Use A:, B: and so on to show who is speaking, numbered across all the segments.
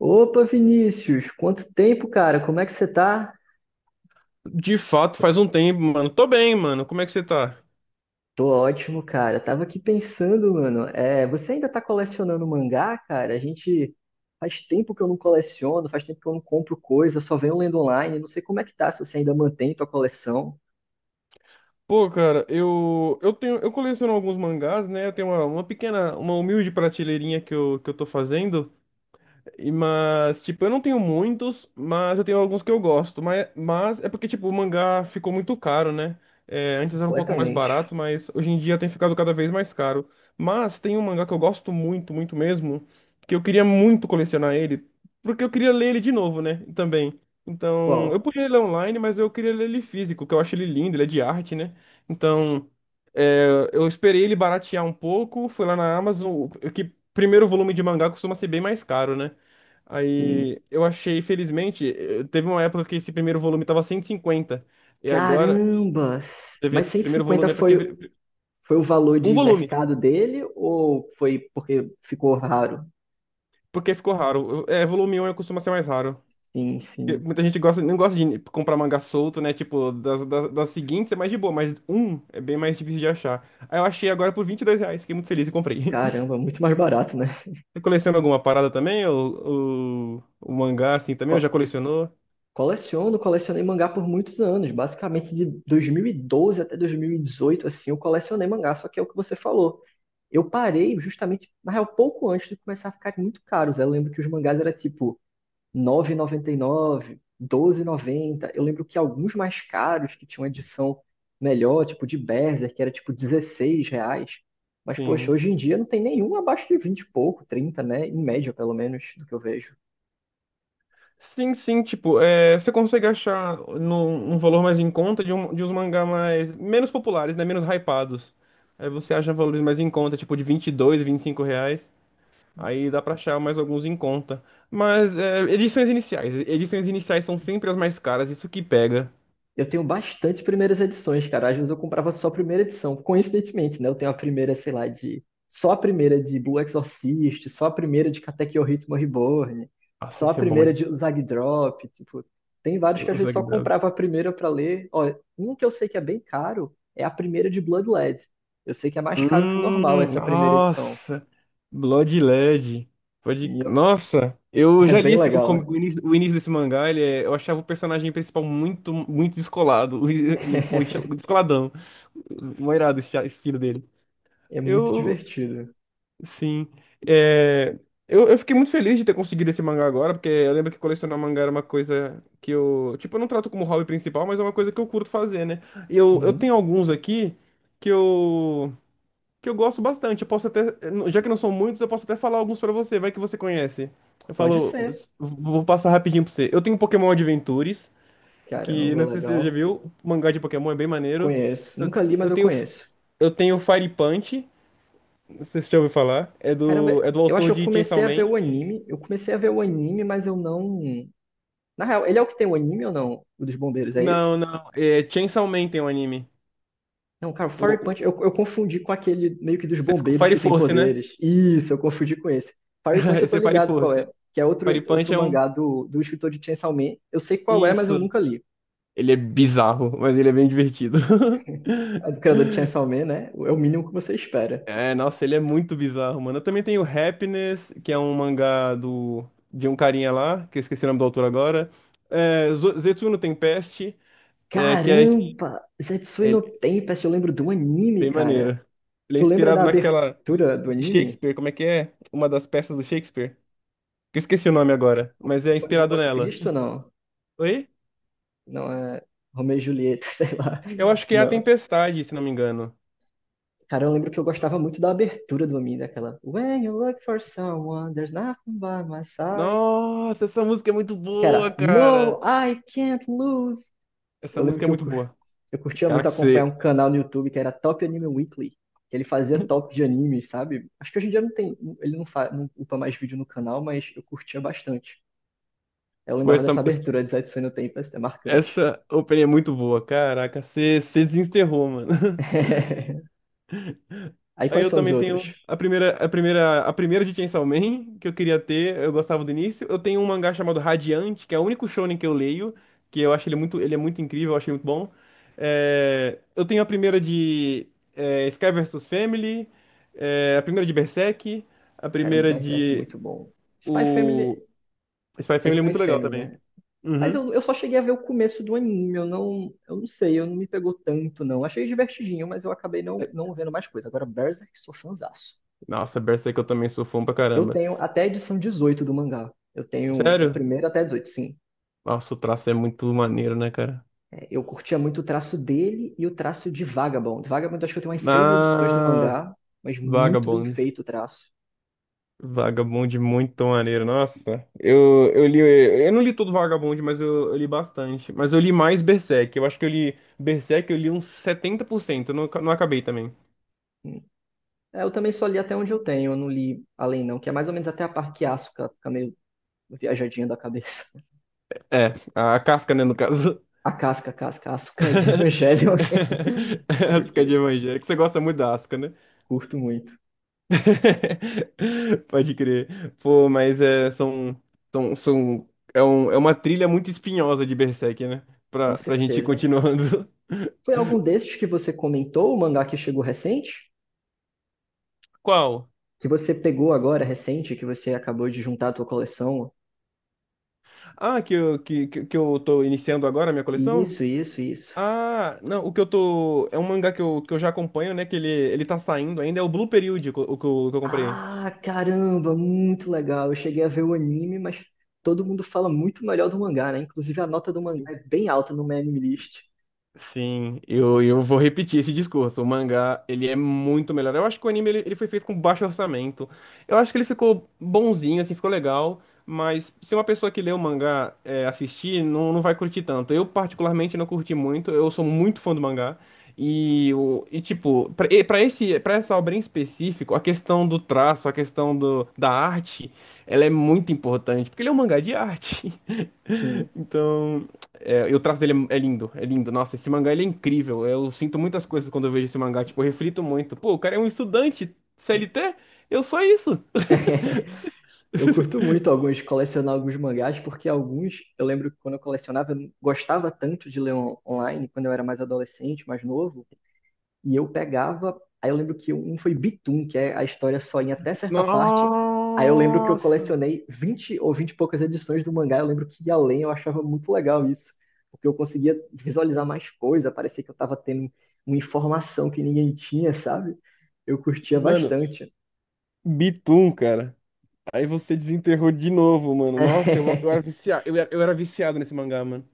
A: Opa, Vinícius, quanto tempo, cara? Como é que você tá?
B: De fato, faz um tempo, mano. Tô bem, mano. Como é que você tá?
A: Tô ótimo, cara. Tava aqui pensando, mano. É, você ainda tá colecionando mangá, cara? A gente faz tempo que eu não coleciono, faz tempo que eu não compro coisa, só venho lendo online. Não sei como é que tá, se você ainda mantém tua coleção
B: Pô, cara, eu coleciono alguns mangás, né? Eu tenho uma pequena, uma humilde prateleirinha que eu tô fazendo. Mas, tipo, eu não tenho muitos, mas eu tenho alguns que eu gosto. Mas é porque, tipo, o mangá ficou muito caro, né? É, antes era um pouco mais
A: completamente.
B: barato, mas hoje em dia tem ficado cada vez mais caro. Mas tem um mangá que eu gosto muito, muito mesmo, que eu queria muito colecionar ele, porque eu queria ler ele de novo, né? Também. Então, eu
A: Qual?
B: podia ler online, mas eu queria ler ele físico, que eu acho ele lindo, ele é de arte, né? Então, é, eu esperei ele baratear um pouco, fui lá na Amazon, que primeiro volume de mangá costuma ser bem mais caro, né?
A: Hum.
B: Aí eu achei, felizmente, teve uma época que esse primeiro volume tava 150 e agora,
A: Caramba!
B: teve
A: Mas
B: primeiro
A: 150
B: volume é porque.
A: foi, foi o valor
B: Um
A: de
B: volume,
A: mercado dele ou foi porque ficou raro?
B: porque ficou raro. É, volume 1 costuma ser mais raro.
A: Sim,
B: Porque
A: sim.
B: Muita gente gosta, não gosta de comprar mangá solto, né? Tipo, das seguintes é mais de boa, mas um é bem mais difícil de achar. Aí eu achei agora por R$ 22, fiquei muito feliz e comprei.
A: Caramba, muito mais barato, né?
B: Você coleciona alguma parada também? O mangá assim também? Ou já
A: Qual-
B: colecionou?
A: Coleciono, colecionei mangá por muitos anos, basicamente de 2012 até 2018, assim, eu colecionei mangá, só que é o que você falou. Eu parei justamente, na real, pouco antes de começar a ficar muito caros. Eu lembro que os mangás eram tipo 9,99, 12,90. Eu lembro que alguns mais caros, que tinham uma edição melhor, tipo de Berserk, que era tipo R$ 16. Mas, poxa,
B: Sim.
A: hoje em dia não tem nenhum abaixo de 20 e pouco, 30, né? Em média, pelo menos, do que eu vejo.
B: Sim, sim, tipo, é, você consegue achar um valor mais em conta de, um, de uns mangá mais, menos populares, né, menos hypados. Aí você acha valores mais em conta, tipo de 20, 22, 25 reais, aí dá pra achar mais alguns em conta. Mas é, edições iniciais são sempre as mais caras, isso que pega.
A: Eu tenho bastante primeiras edições, cara. Às vezes eu comprava só a primeira edição, coincidentemente, né? Eu tenho a primeira, sei lá, de. Só a primeira de Blue Exorcist, só a primeira de Katekyo Ritmo Reborn,
B: Nossa,
A: só a
B: esse é bom,
A: primeira
B: hein?
A: de Zag Drop. Tipo, tem vários que às
B: Os
A: vezes só comprava a primeira pra ler. Ó, um que eu sei que é bem caro é a primeira de Blood Led. Eu sei que é mais caro que o normal essa primeira edição.
B: Nossa, Blood Led. Pode...
A: E eu-
B: Nossa, eu
A: É
B: já li
A: bem legal, né?
B: o início desse mangá, eu achava o personagem principal muito, muito descolado. Ele, pô, descoladão. Moirado esse estilo dele.
A: É muito
B: Eu,
A: divertido.
B: sim. É, eu fiquei muito feliz de ter conseguido esse mangá agora, porque eu lembro que colecionar mangá era uma coisa que eu. Tipo, eu não trato como hobby principal, mas é uma coisa que eu curto fazer, né? E eu
A: Uhum.
B: tenho alguns aqui que eu que eu gosto bastante. Eu posso até, já que não são muitos, eu posso até falar alguns pra você, vai que você conhece. Eu
A: Pode
B: falo,
A: ser.
B: vou passar rapidinho pra você. Eu tenho Pokémon Adventures, que
A: Caramba,
B: não sei se você já
A: legal.
B: viu, o mangá de Pokémon é bem maneiro.
A: Conheço.
B: Eu,
A: Nunca li, mas
B: eu
A: eu
B: tenho
A: conheço.
B: eu tenho Fire Punch, não sei se você já ouviu falar,
A: Caramba,
B: é do
A: eu acho
B: autor
A: que eu
B: de Chainsaw
A: comecei a ver
B: Man.
A: o anime. Eu comecei a ver o anime, mas eu não. Na real, ele é o que tem o anime ou não? O dos bombeiros, é
B: Não,
A: esse?
B: não, é Chainsaw Man tem um anime.
A: Não, cara, o
B: O,
A: Fire
B: o-
A: Punch, eu confundi com aquele meio que dos bombeiros
B: Fire
A: que tem
B: Force, né?
A: poderes. Isso, eu confundi com esse. Fire Punch eu tô
B: Esse é Fire
A: ligado qual é,
B: Force.
A: que é outro,
B: Fire Punch
A: outro
B: é
A: mangá do escritor de Chainsaw Man. Eu sei qual é, mas eu
B: isso.
A: nunca li.
B: Ele é bizarro, mas ele é bem divertido.
A: É do criador de Chainsaw Man, né? É o mínimo que você espera.
B: É, nossa, ele é muito bizarro, mano. Eu também tenho Happiness, que é um mangá de um carinha lá, que eu esqueci o nome do autor agora. É, Zetsu tem Peste, é, que é,
A: Caramba! Zetsui no
B: ele-
A: Tempest, eu lembro do anime,
B: bem
A: cara.
B: maneiro. Ele é
A: Tu lembra
B: inspirado
A: da
B: naquela
A: abertura do
B: de
A: anime?
B: Shakespeare, como é que é? Uma das peças do Shakespeare. Que eu esqueci o nome agora, mas é
A: Conde de
B: inspirado
A: Monte
B: nela.
A: Cristo, não?
B: Oi?
A: Não é Romeu e Julieta, sei lá.
B: Eu acho que é A
A: Não.
B: Tempestade, se não me engano.
A: Cara, eu lembro que eu gostava muito da abertura do anime, daquela "When you look for someone, there's nothing by my side."
B: Nossa, essa música é muito
A: Que
B: boa,
A: era "No,
B: cara.
A: I can't lose."
B: Essa
A: Eu lembro
B: música é
A: que
B: muito boa.
A: eu curtia
B: Cara,
A: muito
B: que
A: acompanhar
B: você.
A: um canal no YouTube que era Top Anime Weekly. Que Ele fazia top de animes, sabe? Acho que hoje em dia não tem, ele não, fa, não upa mais vídeo no canal, mas eu curtia bastante. Eu
B: Pô,
A: lembrava
B: essa,
A: dessa abertura de Zetsu no Tempo, é marcante.
B: Essa open é muito boa, caraca, você desenterrou, mano.
A: Aí
B: Aí
A: quais
B: eu
A: são os
B: também tenho
A: outros?
B: a primeira de Chainsaw Man que eu queria ter, eu gostava do início. Eu tenho um mangá chamado Radiante, que é o único shonen que eu leio, que eu acho ele muito, ele é muito incrível, eu achei muito bom. É, eu tenho a primeira de é, Sky versus Family, é, a primeira de Berserk, a
A: Cara, um
B: primeira
A: Berserk
B: de
A: muito bom. Spy Family
B: o Spy
A: é
B: Family é
A: Spy
B: muito legal
A: Family,
B: também.
A: né? Mas
B: Uhum.
A: eu só cheguei a ver o começo do anime, eu não me pegou tanto, não. Achei divertidinho, mas eu acabei
B: É,
A: não vendo mais coisa. Agora, Berserk, sou fãzaço.
B: nossa, Berserk eu também sou fã pra
A: Eu
B: caramba.
A: tenho até a edição 18 do mangá. Eu tenho da
B: Sério?
A: primeira até a 18, sim.
B: Nossa, o traço é muito maneiro, né, cara?
A: É, eu curtia muito o traço dele e o traço de Vagabond. Vagabond, eu acho que eu tenho umas 6 edições do
B: Ah,
A: mangá, mas muito bem
B: Vagabond.
A: feito o traço.
B: Vagabond muito maneiro. Nossa, eu li. Eu não li todo Vagabond, mas eu li bastante. Mas eu li mais Berserk. Eu acho que eu li Berserk, eu li uns 70%. Eu não, não acabei também.
A: É, eu também só li até onde eu tenho, eu não li além não, que é mais ou menos até a parte que Asuka fica meio viajadinha da cabeça.
B: É, a casca, né, no caso.
A: A casca, Asuka de Evangelho.
B: Asca de evangélico. Você gosta muito da Asca, né?
A: Curto muito,
B: Pode crer. Pô, mas é, são, são, é, um, é uma trilha muito espinhosa de Berserk, né?
A: com
B: Pra gente ir
A: certeza.
B: continuando.
A: Foi algum desses que você comentou, o mangá que chegou recente?
B: Qual?
A: Que você pegou agora, recente, que você acabou de juntar à tua coleção?
B: Ah, que eu, que eu tô iniciando agora a minha coleção?
A: Isso.
B: Ah, não, o que eu tô. É um mangá que eu já acompanho, né? Que ele tá saindo ainda, é o Blue Period, que eu comprei.
A: Ah, caramba, muito legal. Eu cheguei a ver o anime, mas todo mundo fala muito melhor do mangá, né? Inclusive a nota do mangá é bem alta no My Anime List.
B: Sim, eu vou repetir esse discurso. O mangá, ele é muito melhor. Eu acho que o anime, ele foi feito com baixo orçamento. Eu acho que ele ficou bonzinho, assim, ficou legal. Mas se uma pessoa que lê o mangá é, assistir, não, não vai curtir tanto. Eu, particularmente, não curti muito. Eu sou muito fã do mangá. E, o, e tipo, pra, e pra esse, pra essa obra em específico, a questão do traço, a questão do, da arte, ela é muito importante. Porque ele é um mangá de arte.
A: Sim.
B: Então, é, e o traço dele é lindo, é lindo. Nossa, esse mangá ele é incrível. Eu sinto muitas coisas quando eu vejo esse mangá, tipo, eu reflito muito. Pô, o cara é um estudante C L
A: É.
B: T Eu sou isso.
A: Eu curto muito alguns colecionar alguns mangás, porque alguns eu lembro que quando eu colecionava, eu não gostava tanto de ler online, quando eu era mais adolescente, mais novo, e eu pegava. Aí eu lembro que um foi Bitum, que é a história só em até certa parte. Aí eu lembro que eu
B: Nossa!
A: colecionei 20 ou 20 e poucas edições do mangá. Eu lembro que ia além, eu achava muito legal isso, porque eu conseguia visualizar mais coisa, parecia que eu estava tendo uma informação que ninguém tinha, sabe? Eu curtia
B: Mano,
A: bastante.
B: Bitum, cara. Aí você desenterrou de novo, mano. Nossa, eu era viciado nesse mangá, mano.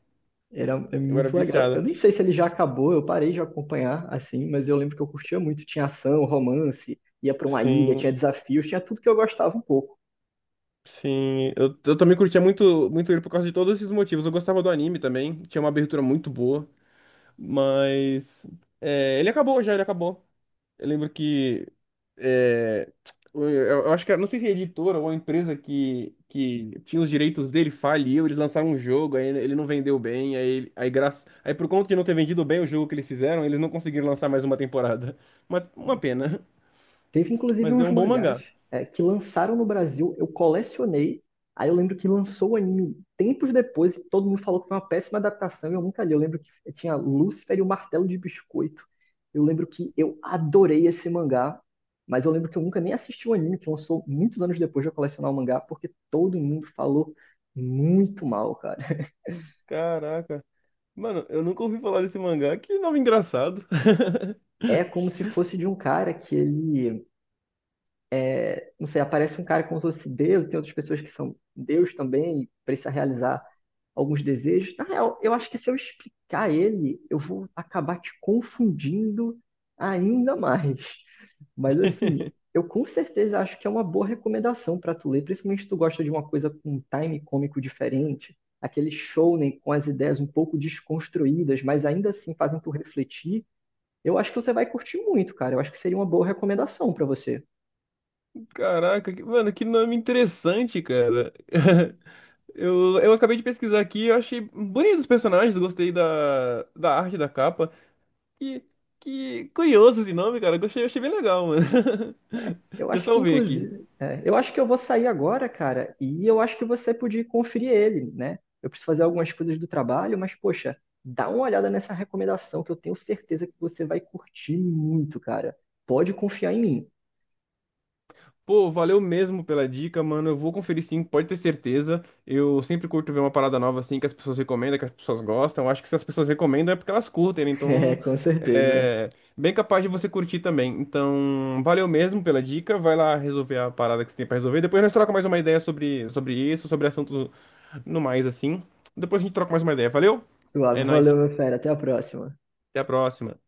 A: Era é
B: Eu era
A: muito legal. Eu
B: viciado.
A: nem sei se ele já acabou, eu parei de acompanhar assim, mas eu lembro que eu curtia muito. Tinha ação, romance, ia pra uma ilha, tinha
B: Sim,
A: desafios, tinha tudo que eu gostava um pouco.
B: sim. Eu também curtia muito, muito ele por causa de todos esses motivos. Eu gostava do anime também. Tinha uma abertura muito boa. Mas é, ele acabou já, ele acabou. Eu lembro que é, eu acho não sei se a editora ou a empresa que tinha os direitos dele faliu, eles lançaram um jogo, aí ele não vendeu bem, aí, graça, aí por conta de não ter vendido bem o jogo que eles fizeram, eles não conseguiram lançar mais uma temporada. Uma pena,
A: Teve inclusive
B: mas é
A: uns
B: um bom
A: mangás
B: mangá.
A: é, que lançaram no Brasil, eu colecionei. Aí eu lembro que lançou o anime tempos depois e todo mundo falou que foi uma péssima adaptação e eu nunca li. Eu lembro que tinha Lúcifer e o Martelo de Biscoito. Eu lembro que eu adorei esse mangá, mas eu lembro que eu nunca nem assisti o anime que lançou muitos anos depois de eu colecionar o mangá, porque todo mundo falou muito mal, cara.
B: Caraca. Mano, eu nunca ouvi falar desse mangá, que nome engraçado.
A: É como se fosse de um cara que ele não sei, aparece um cara como se fosse Deus, tem outras pessoas que são Deus também, e precisa realizar alguns desejos. Na real, eu acho que se eu explicar ele, eu vou acabar te confundindo ainda mais. Mas assim, eu com certeza acho que é uma boa recomendação para tu ler, principalmente se tu gosta de uma coisa com um time cômico diferente, aquele shounen com as ideias um pouco desconstruídas, mas ainda assim fazem tu refletir. Eu acho que você vai curtir muito, cara. Eu acho que seria uma boa recomendação para você.
B: Caraca, mano, que nome interessante, cara. Eu acabei de pesquisar aqui, eu achei bonito os personagens, gostei da arte da capa. Que, que curioso esse nome, cara. Gostei, achei bem legal, mano.
A: Eu
B: Já
A: acho que,
B: salvei aqui.
A: inclusive, é, eu acho que eu vou sair agora, cara, e eu acho que você podia conferir ele, né? Eu preciso fazer algumas coisas do trabalho, mas, poxa, dá uma olhada nessa recomendação que eu tenho certeza que você vai curtir muito, cara. Pode confiar em mim.
B: Pô, valeu mesmo pela dica, mano. Eu vou conferir sim, pode ter certeza. Eu sempre curto ver uma parada nova assim que as pessoas recomendam, que as pessoas gostam. Eu acho que se as pessoas recomendam é porque elas curtem, né?
A: É,
B: Então
A: com certeza.
B: é bem capaz de você curtir também. Então, valeu mesmo pela dica. Vai lá resolver a parada que você tem pra resolver. Depois nós trocamos mais uma ideia sobre isso, sobre assuntos No mais, assim. Depois a gente troca mais uma ideia. Valeu? É
A: Suave, valeu,
B: nóis.
A: meu fera. Até a próxima.
B: Até a próxima.